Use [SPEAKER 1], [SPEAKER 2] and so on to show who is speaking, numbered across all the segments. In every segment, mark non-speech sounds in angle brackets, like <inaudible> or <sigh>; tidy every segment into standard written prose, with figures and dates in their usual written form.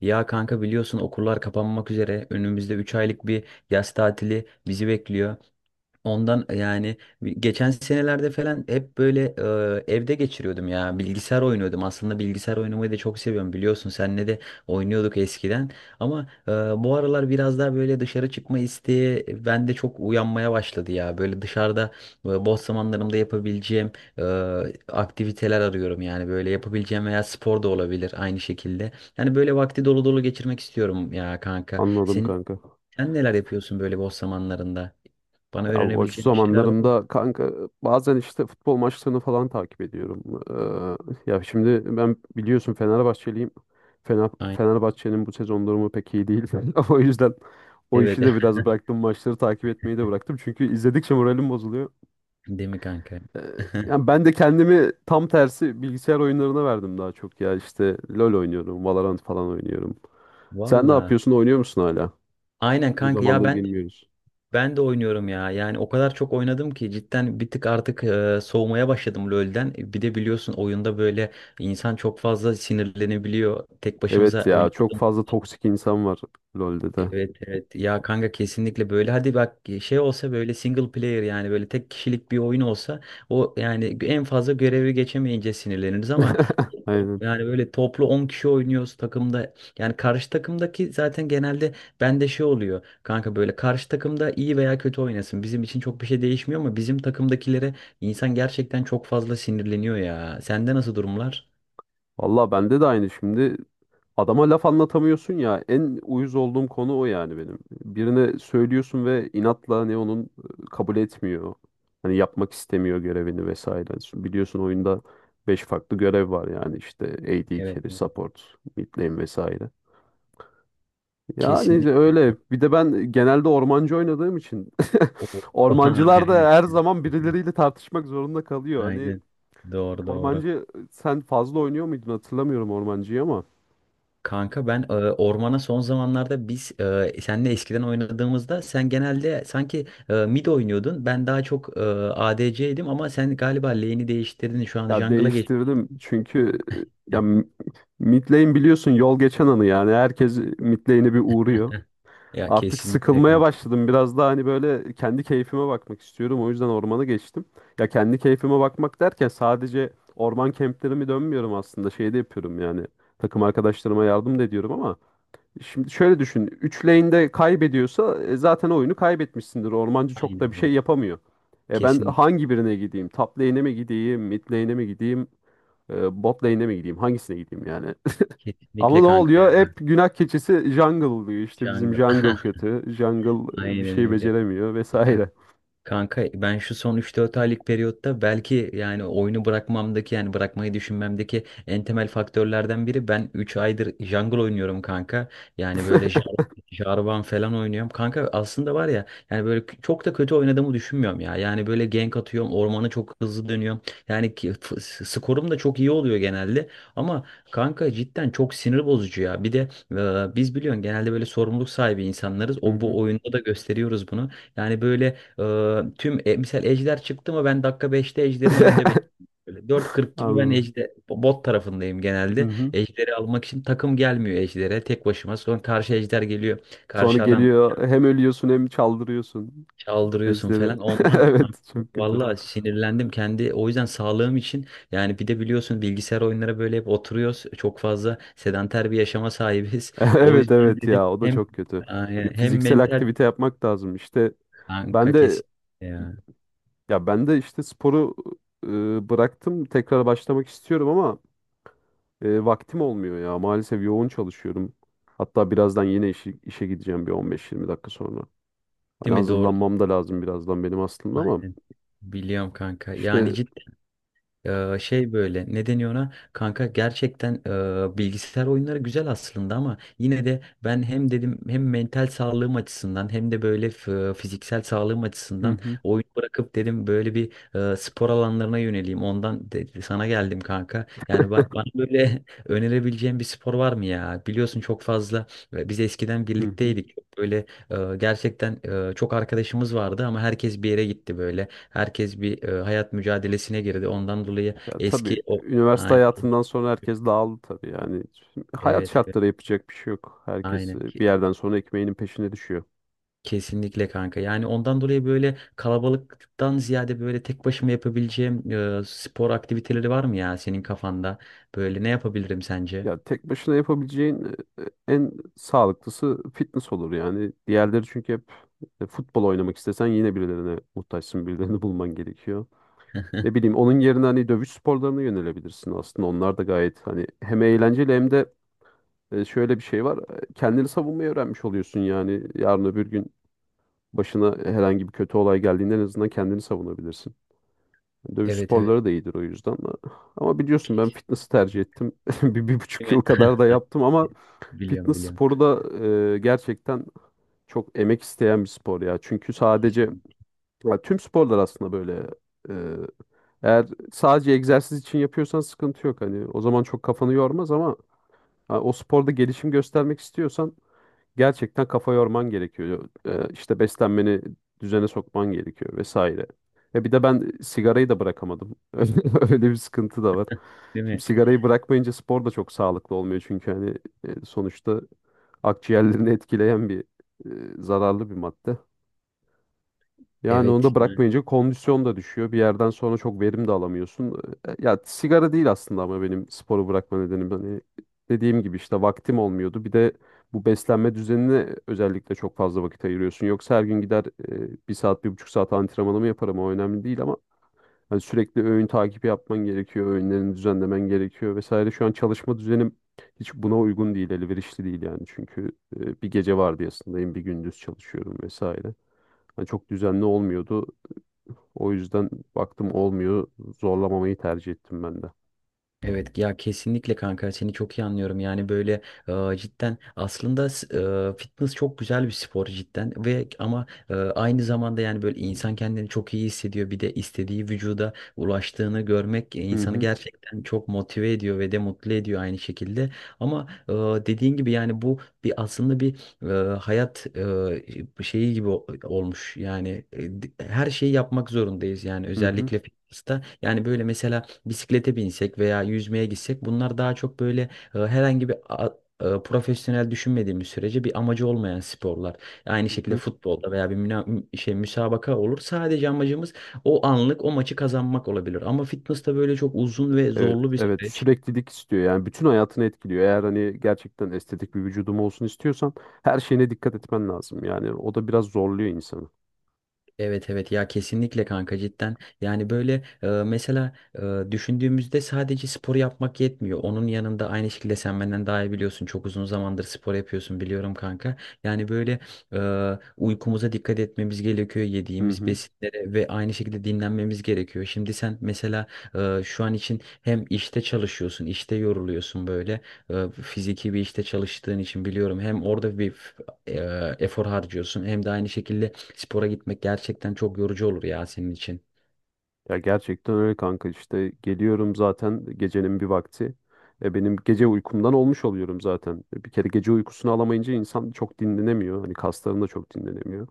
[SPEAKER 1] Ya kanka, biliyorsun, okullar kapanmak üzere. Önümüzde 3 aylık bir yaz tatili bizi bekliyor. Ondan yani geçen senelerde falan hep böyle evde geçiriyordum ya. Bilgisayar oynuyordum. Aslında bilgisayar oynamayı da çok seviyorum, biliyorsun. Seninle de oynuyorduk eskiden. Ama bu aralar biraz daha böyle dışarı çıkma isteği bende çok uyanmaya başladı ya. Böyle dışarıda boş zamanlarımda yapabileceğim e, aktiviteler arıyorum yani. Böyle yapabileceğim veya spor da olabilir aynı şekilde. Yani böyle vakti dolu dolu geçirmek istiyorum ya kanka.
[SPEAKER 2] Anladım
[SPEAKER 1] Senin
[SPEAKER 2] kanka.
[SPEAKER 1] sen neler yapıyorsun böyle boş zamanlarında? Bana
[SPEAKER 2] Ya boş
[SPEAKER 1] öğrenebileceğim bir şeyler var mı?
[SPEAKER 2] zamanlarımda kanka bazen işte futbol maçlarını falan takip ediyorum. Ya şimdi ben biliyorsun Fenerbahçeliyim.
[SPEAKER 1] Aynen.
[SPEAKER 2] Fenerbahçe'nin bu sezon durumu pek iyi değil. <laughs> O yüzden o
[SPEAKER 1] Evet.
[SPEAKER 2] işi de biraz bıraktım.
[SPEAKER 1] <laughs>
[SPEAKER 2] Maçları takip etmeyi de bıraktım. Çünkü izledikçe moralim bozuluyor.
[SPEAKER 1] Değil mi kanka?
[SPEAKER 2] Ee,
[SPEAKER 1] <laughs>
[SPEAKER 2] yani ben de kendimi tam tersi bilgisayar oyunlarına verdim daha çok ya. İşte LoL oynuyorum, Valorant falan oynuyorum. Sen ne
[SPEAKER 1] Valla.
[SPEAKER 2] yapıyorsun? Oynuyor musun hala?
[SPEAKER 1] Aynen
[SPEAKER 2] Uzun
[SPEAKER 1] kanka, ya
[SPEAKER 2] zamandır
[SPEAKER 1] ben
[SPEAKER 2] gelmiyoruz.
[SPEAKER 1] ben de oynuyorum ya. Yani o kadar çok oynadım ki cidden bir tık artık soğumaya başladım LoL'den. Bir de biliyorsun, oyunda böyle insan çok fazla sinirlenebiliyor. Tek başımıza
[SPEAKER 2] Evet ya çok
[SPEAKER 1] oynadık.
[SPEAKER 2] fazla toksik insan var LoL'de de.
[SPEAKER 1] Evet evet ya kanka, kesinlikle. Böyle hadi bak, şey olsa, böyle single player, yani böyle tek kişilik bir oyun olsa, o yani en fazla görevi geçemeyince sinirleniriz ama
[SPEAKER 2] <laughs> Aynen.
[SPEAKER 1] yani böyle toplu 10 kişi oynuyoruz takımda, yani karşı takımdaki zaten genelde, bende şey oluyor kanka, böyle karşı takımda iyi veya kötü oynasın bizim için çok bir şey değişmiyor ama bizim takımdakilere insan gerçekten çok fazla sinirleniyor ya. Sende nasıl durumlar?
[SPEAKER 2] Valla bende de aynı şimdi. Adama laf anlatamıyorsun ya. En uyuz olduğum konu o yani benim. Birine söylüyorsun ve inatla ne onun kabul etmiyor. Hani yapmak istemiyor görevini vesaire. Şimdi biliyorsun oyunda 5 farklı görev var yani işte AD
[SPEAKER 1] Evet,
[SPEAKER 2] carry,
[SPEAKER 1] evet.
[SPEAKER 2] support, mid lane vesaire. Ya neyse
[SPEAKER 1] Kesinlikle.
[SPEAKER 2] öyle. Bir de ben genelde ormancı oynadığım için
[SPEAKER 1] O
[SPEAKER 2] <laughs>
[SPEAKER 1] <laughs> abi,
[SPEAKER 2] ormancılar
[SPEAKER 1] aynen.
[SPEAKER 2] da her zaman birileriyle tartışmak zorunda kalıyor. Hani
[SPEAKER 1] Aynen. Doğru doğru.
[SPEAKER 2] ormancı sen fazla oynuyor muydun hatırlamıyorum ormancıyı ama
[SPEAKER 1] Kanka ben ormana son zamanlarda biz senle eskiden oynadığımızda sen genelde sanki mid oynuyordun. Ben daha çok ADC'ydim ama sen galiba lane'i değiştirdin. Şu an
[SPEAKER 2] ya
[SPEAKER 1] jungle'a geç.
[SPEAKER 2] değiştirdim çünkü ya mid lane biliyorsun yol geçen anı, yani herkes mid lane'e bir uğruyor.
[SPEAKER 1] Ya
[SPEAKER 2] Artık
[SPEAKER 1] kesinlikle
[SPEAKER 2] sıkılmaya
[SPEAKER 1] kanka.
[SPEAKER 2] başladım. Biraz daha hani böyle kendi keyfime bakmak istiyorum. O yüzden ormana geçtim. Ya kendi keyfime bakmak derken sadece orman kemplerimi dönmüyorum aslında. Şey de yapıyorum yani. Takım arkadaşlarıma yardım da ediyorum ama şimdi şöyle düşün. 3 lane'de kaybediyorsa zaten oyunu kaybetmişsindir. Ormancı çok da bir
[SPEAKER 1] Aynen
[SPEAKER 2] şey
[SPEAKER 1] öyle.
[SPEAKER 2] yapamıyor. E ben
[SPEAKER 1] Kesinlikle,
[SPEAKER 2] hangi birine gideyim? Top lane'e mi gideyim? Mid lane'e mi gideyim? Bot lane'e mi gideyim? Hangisine gideyim yani? Ama
[SPEAKER 1] kesinlikle
[SPEAKER 2] ne
[SPEAKER 1] kanka,
[SPEAKER 2] oluyor?
[SPEAKER 1] ya.
[SPEAKER 2] Hep günah keçisi jungle oluyor. İşte bizim
[SPEAKER 1] Jungle.
[SPEAKER 2] jungle
[SPEAKER 1] <laughs>
[SPEAKER 2] kötü. Jungle bir
[SPEAKER 1] Aynen
[SPEAKER 2] şey
[SPEAKER 1] öyle.
[SPEAKER 2] beceremiyor
[SPEAKER 1] Ya
[SPEAKER 2] vesaire.
[SPEAKER 1] kanka, ben şu son üç dört aylık periyotta belki, yani oyunu bırakmamdaki, yani bırakmayı düşünmemdeki en temel faktörlerden biri, ben 3 aydır jungle oynuyorum kanka. Yani böyle Jarvan falan oynuyorum. Kanka aslında var ya, yani böyle çok da kötü oynadığımı düşünmüyorum ya. Yani böyle gank atıyorum, ormanı çok hızlı dönüyorum. Yani skorum da çok iyi oluyor genelde. Ama kanka cidden çok sinir bozucu ya. Bir de biz biliyorsun genelde böyle sorumluluk sahibi insanlarız.
[SPEAKER 2] Hı
[SPEAKER 1] O
[SPEAKER 2] hı.
[SPEAKER 1] bu oyunda da gösteriyoruz bunu. Yani böyle tüm misal Ejder çıktı mı, ben dakika 5'te Ejder'in önünde
[SPEAKER 2] <laughs>
[SPEAKER 1] bekliyorum. Böyle 4.40 gibi ben
[SPEAKER 2] Anladım.
[SPEAKER 1] Ejder bot tarafındayım
[SPEAKER 2] Hı
[SPEAKER 1] genelde.
[SPEAKER 2] hı.
[SPEAKER 1] Ejder'i almak için takım gelmiyor, Ejder'e tek başıma. Sonra karşı Ejder geliyor.
[SPEAKER 2] Sonra
[SPEAKER 1] Karşı adam
[SPEAKER 2] geliyor hem ölüyorsun hem çaldırıyorsun
[SPEAKER 1] çaldırıyorsun
[SPEAKER 2] ejderi.
[SPEAKER 1] falan.
[SPEAKER 2] <laughs>
[SPEAKER 1] Ondan
[SPEAKER 2] Evet
[SPEAKER 1] <laughs>
[SPEAKER 2] çok kötü.
[SPEAKER 1] vallahi sinirlendim kendi. O yüzden sağlığım için, yani bir de biliyorsun bilgisayar oyunlara böyle hep oturuyoruz. Çok fazla sedanter bir yaşama sahibiz.
[SPEAKER 2] <laughs>
[SPEAKER 1] <laughs> O
[SPEAKER 2] Evet
[SPEAKER 1] yüzden
[SPEAKER 2] evet
[SPEAKER 1] dedim
[SPEAKER 2] ya o da
[SPEAKER 1] hem
[SPEAKER 2] çok kötü. Bir
[SPEAKER 1] hem
[SPEAKER 2] fiziksel
[SPEAKER 1] mental
[SPEAKER 2] aktivite yapmak lazım. İşte
[SPEAKER 1] kanka,
[SPEAKER 2] ben de
[SPEAKER 1] kesin ya.
[SPEAKER 2] ya ben de işte sporu bıraktım. Tekrar başlamak istiyorum ama E, vaktim olmuyor ya. Maalesef yoğun çalışıyorum. Hatta birazdan yine işe gideceğim bir 15-20 dakika sonra.
[SPEAKER 1] Değil
[SPEAKER 2] Hani
[SPEAKER 1] mi? Doğru.
[SPEAKER 2] hazırlanmam da lazım birazdan benim aslında ama
[SPEAKER 1] Aynen. Biliyorum kanka.
[SPEAKER 2] işte.
[SPEAKER 1] Yani ciddi şey, böyle ne deniyor ona? Kanka gerçekten bilgisayar oyunları güzel aslında, ama yine de ben hem dedim, hem mental sağlığım açısından hem de böyle fiziksel sağlığım
[SPEAKER 2] Hı
[SPEAKER 1] açısından
[SPEAKER 2] hı,
[SPEAKER 1] oyun bırakıp dedim böyle bir spor alanlarına yöneleyim. Ondan sana geldim kanka. Yani bana böyle <laughs> önerebileceğin bir spor var mı ya? Biliyorsun çok fazla biz eskiden
[SPEAKER 2] hı hı.
[SPEAKER 1] birlikteydik. Böyle gerçekten çok arkadaşımız vardı ama herkes bir yere gitti böyle. Herkes bir hayat mücadelesine girdi. Ondan dolayı
[SPEAKER 2] Ya tabii
[SPEAKER 1] eski o,
[SPEAKER 2] üniversite
[SPEAKER 1] aynen.
[SPEAKER 2] hayatından sonra herkes dağıldı tabii yani. Hayat
[SPEAKER 1] Evet, evet.
[SPEAKER 2] şartları, yapacak bir şey yok. Herkes
[SPEAKER 1] Aynen.
[SPEAKER 2] bir yerden sonra ekmeğinin peşine düşüyor.
[SPEAKER 1] Kesinlikle kanka. Yani ondan dolayı böyle kalabalıktan ziyade böyle tek başıma yapabileceğim spor aktiviteleri var mı ya senin kafanda? Böyle ne yapabilirim sence?
[SPEAKER 2] Ya tek başına yapabileceğin en sağlıklısı fitness olur yani. Diğerleri çünkü hep futbol oynamak istesen yine birilerine muhtaçsın, birilerini <laughs> bulman gerekiyor. Ne
[SPEAKER 1] <laughs>
[SPEAKER 2] bileyim, onun yerine hani dövüş sporlarına yönelebilirsin aslında. Onlar da gayet hani hem eğlenceli hem de şöyle bir şey var. Kendini savunmayı öğrenmiş oluyorsun yani. Yarın öbür gün başına herhangi bir kötü olay geldiğinde en azından kendini savunabilirsin. Dövüş
[SPEAKER 1] Evet evet.
[SPEAKER 2] sporları da iyidir o yüzden. Ama biliyorsun ben fitness'ı tercih ettim. <laughs> Bir, bir buçuk
[SPEAKER 1] Değil
[SPEAKER 2] yıl
[SPEAKER 1] mi?
[SPEAKER 2] kadar da yaptım ama
[SPEAKER 1] Biliyorum,
[SPEAKER 2] fitness
[SPEAKER 1] biliyorum.
[SPEAKER 2] sporu da gerçekten çok emek isteyen bir spor ya. Çünkü sadece
[SPEAKER 1] Kesinlikle.
[SPEAKER 2] ya tüm sporlar aslında böyle. E, Eğer sadece egzersiz için yapıyorsan sıkıntı yok. Hani o zaman çok kafanı yormaz ama ha, o sporda gelişim göstermek istiyorsan gerçekten kafa yorman gerekiyor. İşte beslenmeni düzene sokman gerekiyor vesaire. Bir de ben sigarayı da bırakamadım. <laughs> Öyle bir sıkıntı da var.
[SPEAKER 1] Değil mi?
[SPEAKER 2] Şimdi sigarayı bırakmayınca spor da çok sağlıklı olmuyor, çünkü hani sonuçta akciğerlerini etkileyen bir zararlı bir madde. Yani onu da
[SPEAKER 1] Evet.
[SPEAKER 2] bırakmayınca kondisyon da düşüyor. Bir yerden sonra çok verim de alamıyorsun. Ya sigara değil aslında ama benim sporu bırakma nedenim, hani dediğim gibi, işte vaktim olmuyordu. Bir de bu beslenme düzenine özellikle çok fazla vakit ayırıyorsun. Yoksa her gün gider bir saat, 1,5 saat antrenmanımı yaparım. O önemli değil ama hani sürekli öğün takibi yapman gerekiyor, öğünlerini düzenlemen gerekiyor vesaire. Şu an çalışma düzenim hiç buna uygun değil, elverişli değil yani. Çünkü bir gece vardiyasındayım, bir gündüz çalışıyorum vesaire. Hani çok düzenli olmuyordu. O yüzden baktım olmuyor, zorlamamayı tercih ettim ben de.
[SPEAKER 1] Evet ya kesinlikle kanka, seni çok iyi anlıyorum, yani böyle cidden aslında fitness çok güzel bir spor cidden ve, ama aynı zamanda yani böyle insan kendini çok iyi hissediyor, bir de istediği vücuda ulaştığını görmek
[SPEAKER 2] Hı
[SPEAKER 1] insanı
[SPEAKER 2] hı,
[SPEAKER 1] gerçekten çok motive ediyor ve de mutlu ediyor aynı şekilde, ama dediğin gibi yani bu bir, aslında bir hayat şeyi gibi olmuş yani her şeyi yapmak zorundayız yani
[SPEAKER 2] hı hı,
[SPEAKER 1] özellikle fitness'ta, yani böyle mesela bisiklete binsek veya yüzmeye gitsek bunlar daha çok böyle herhangi bir profesyonel düşünmediğimiz sürece bir amacı olmayan sporlar. Aynı
[SPEAKER 2] hı
[SPEAKER 1] şekilde
[SPEAKER 2] hı.
[SPEAKER 1] futbolda veya bir şey müsabaka olur. Sadece amacımız o anlık o maçı kazanmak olabilir. Ama fitness'ta böyle çok uzun ve
[SPEAKER 2] Evet,
[SPEAKER 1] zorlu bir
[SPEAKER 2] evet,
[SPEAKER 1] süreç.
[SPEAKER 2] süreklilik istiyor yani, bütün hayatını etkiliyor. Eğer hani gerçekten estetik bir vücudum olsun istiyorsan her şeyine dikkat etmen lazım. Yani o da biraz zorluyor insanı.
[SPEAKER 1] Evet evet ya kesinlikle kanka cidden, yani böyle mesela düşündüğümüzde sadece spor yapmak yetmiyor, onun yanında aynı şekilde sen benden daha iyi biliyorsun, çok uzun zamandır spor yapıyorsun biliyorum kanka, yani böyle e, uykumuza dikkat etmemiz gerekiyor,
[SPEAKER 2] Hı
[SPEAKER 1] yediğimiz
[SPEAKER 2] hı.
[SPEAKER 1] besinlere, ve aynı şekilde dinlenmemiz gerekiyor. Şimdi sen mesela şu an için hem işte çalışıyorsun, işte yoruluyorsun böyle fiziki bir işte çalıştığın için biliyorum, hem orada bir efor harcıyorsun. Hem de aynı şekilde spora gitmek gerçekten çok yorucu olur ya senin için.
[SPEAKER 2] Ya gerçekten öyle kanka, işte geliyorum zaten gecenin bir vakti. Benim gece uykumdan olmuş oluyorum zaten. E bir kere gece uykusunu alamayınca insan çok dinlenemiyor. Hani kasların da çok dinlenemiyor.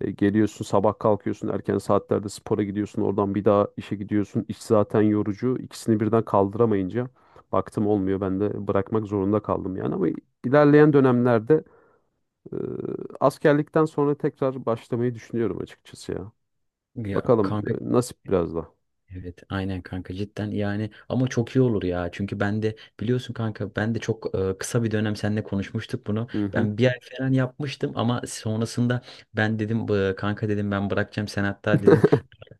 [SPEAKER 2] Geliyorsun sabah, kalkıyorsun erken saatlerde spora gidiyorsun. Oradan bir daha işe gidiyorsun. İş zaten yorucu. İkisini birden kaldıramayınca baktım olmuyor. Ben de bırakmak zorunda kaldım yani. Ama ilerleyen dönemlerde e, askerlikten sonra tekrar başlamayı düşünüyorum açıkçası ya.
[SPEAKER 1] Ya
[SPEAKER 2] Bakalım
[SPEAKER 1] kanka,
[SPEAKER 2] nasip biraz da.
[SPEAKER 1] evet aynen kanka cidden, yani ama çok iyi olur ya. Çünkü ben de, biliyorsun kanka, ben de çok kısa bir dönem seninle konuşmuştuk bunu.
[SPEAKER 2] Hı hı.
[SPEAKER 1] Ben bir ay falan yapmıştım ama sonrasında ben dedim, "Bu, kanka", dedim, "ben bırakacağım." Sen hatta dedin,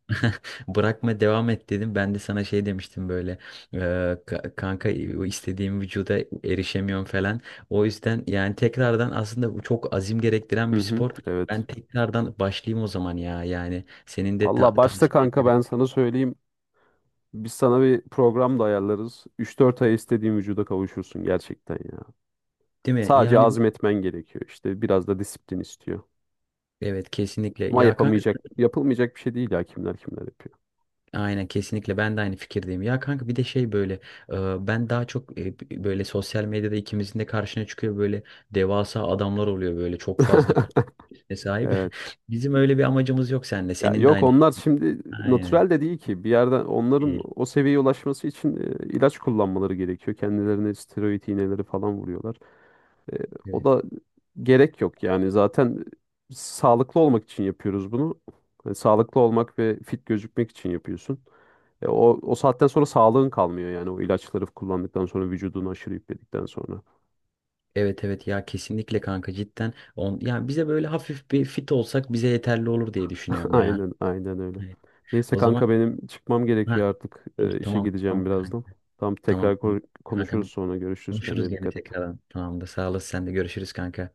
[SPEAKER 1] <laughs> "Bırakma, devam et", dedim. Ben de sana şey demiştim böyle: "Ee, "Kanka, o istediğim vücuda erişemiyorum" falan. O yüzden yani tekrardan, aslında bu çok azim gerektiren
[SPEAKER 2] Hı
[SPEAKER 1] bir
[SPEAKER 2] hı,
[SPEAKER 1] spor. Ben
[SPEAKER 2] evet.
[SPEAKER 1] tekrardan başlayayım o zaman ya. Yani senin de
[SPEAKER 2] Valla başta
[SPEAKER 1] tavsiye
[SPEAKER 2] kanka
[SPEAKER 1] ederim.
[SPEAKER 2] ben sana söyleyeyim. Biz sana bir program da ayarlarız. 3-4 ay istediğin vücuda kavuşursun gerçekten ya.
[SPEAKER 1] Değil mi?
[SPEAKER 2] Sadece
[SPEAKER 1] Yani bu,
[SPEAKER 2] azmetmen gerekiyor. İşte biraz da disiplin istiyor.
[SPEAKER 1] evet, kesinlikle.
[SPEAKER 2] Ama
[SPEAKER 1] Ya kanka,
[SPEAKER 2] yapamayacak, yapılmayacak bir şey değil ya, kimler kimler yapıyor.
[SPEAKER 1] aynen, kesinlikle, ben de aynı fikirdeyim. Ya kanka, bir de şey, böyle ben daha çok, böyle sosyal medyada ikimizin de karşına çıkıyor, böyle devasa adamlar oluyor, böyle çok fazla
[SPEAKER 2] <laughs>
[SPEAKER 1] kitlesine sahip.
[SPEAKER 2] Evet.
[SPEAKER 1] <laughs> Bizim öyle bir amacımız yok seninle.
[SPEAKER 2] Ya
[SPEAKER 1] Senin de
[SPEAKER 2] yok,
[SPEAKER 1] aynı şey.
[SPEAKER 2] onlar şimdi
[SPEAKER 1] Aynen.
[SPEAKER 2] natürel de değil ki. Bir yerden onların
[SPEAKER 1] Değil.
[SPEAKER 2] o seviyeye ulaşması için ilaç kullanmaları gerekiyor. Kendilerine steroid iğneleri falan vuruyorlar. E, o,
[SPEAKER 1] Evet.
[SPEAKER 2] da gerek yok yani, zaten sağlıklı olmak için yapıyoruz bunu. Hani sağlıklı olmak ve fit gözükmek için yapıyorsun. E, o, o saatten sonra sağlığın kalmıyor yani, o ilaçları kullandıktan sonra, vücudunu aşırı yükledikten sonra.
[SPEAKER 1] Evet evet ya kesinlikle kanka cidden. Yani bize böyle hafif bir fit olsak bize yeterli olur diye
[SPEAKER 2] <laughs>
[SPEAKER 1] düşünüyorum ya.
[SPEAKER 2] Aynen aynen öyle.
[SPEAKER 1] Evet.
[SPEAKER 2] Neyse
[SPEAKER 1] O zaman
[SPEAKER 2] kanka, benim çıkmam
[SPEAKER 1] ha,
[SPEAKER 2] gerekiyor artık. İşe
[SPEAKER 1] tamam tamam
[SPEAKER 2] gideceğim birazdan.
[SPEAKER 1] kanka.
[SPEAKER 2] Tamam,
[SPEAKER 1] Tamam.
[SPEAKER 2] tekrar
[SPEAKER 1] Tamam
[SPEAKER 2] konuşuruz
[SPEAKER 1] kanka,
[SPEAKER 2] sonra, görüşürüz,
[SPEAKER 1] konuşuruz
[SPEAKER 2] kendine
[SPEAKER 1] gene
[SPEAKER 2] dikkat et.
[SPEAKER 1] tekrardan. Tamam da, sağ olasın, sen de görüşürüz kanka.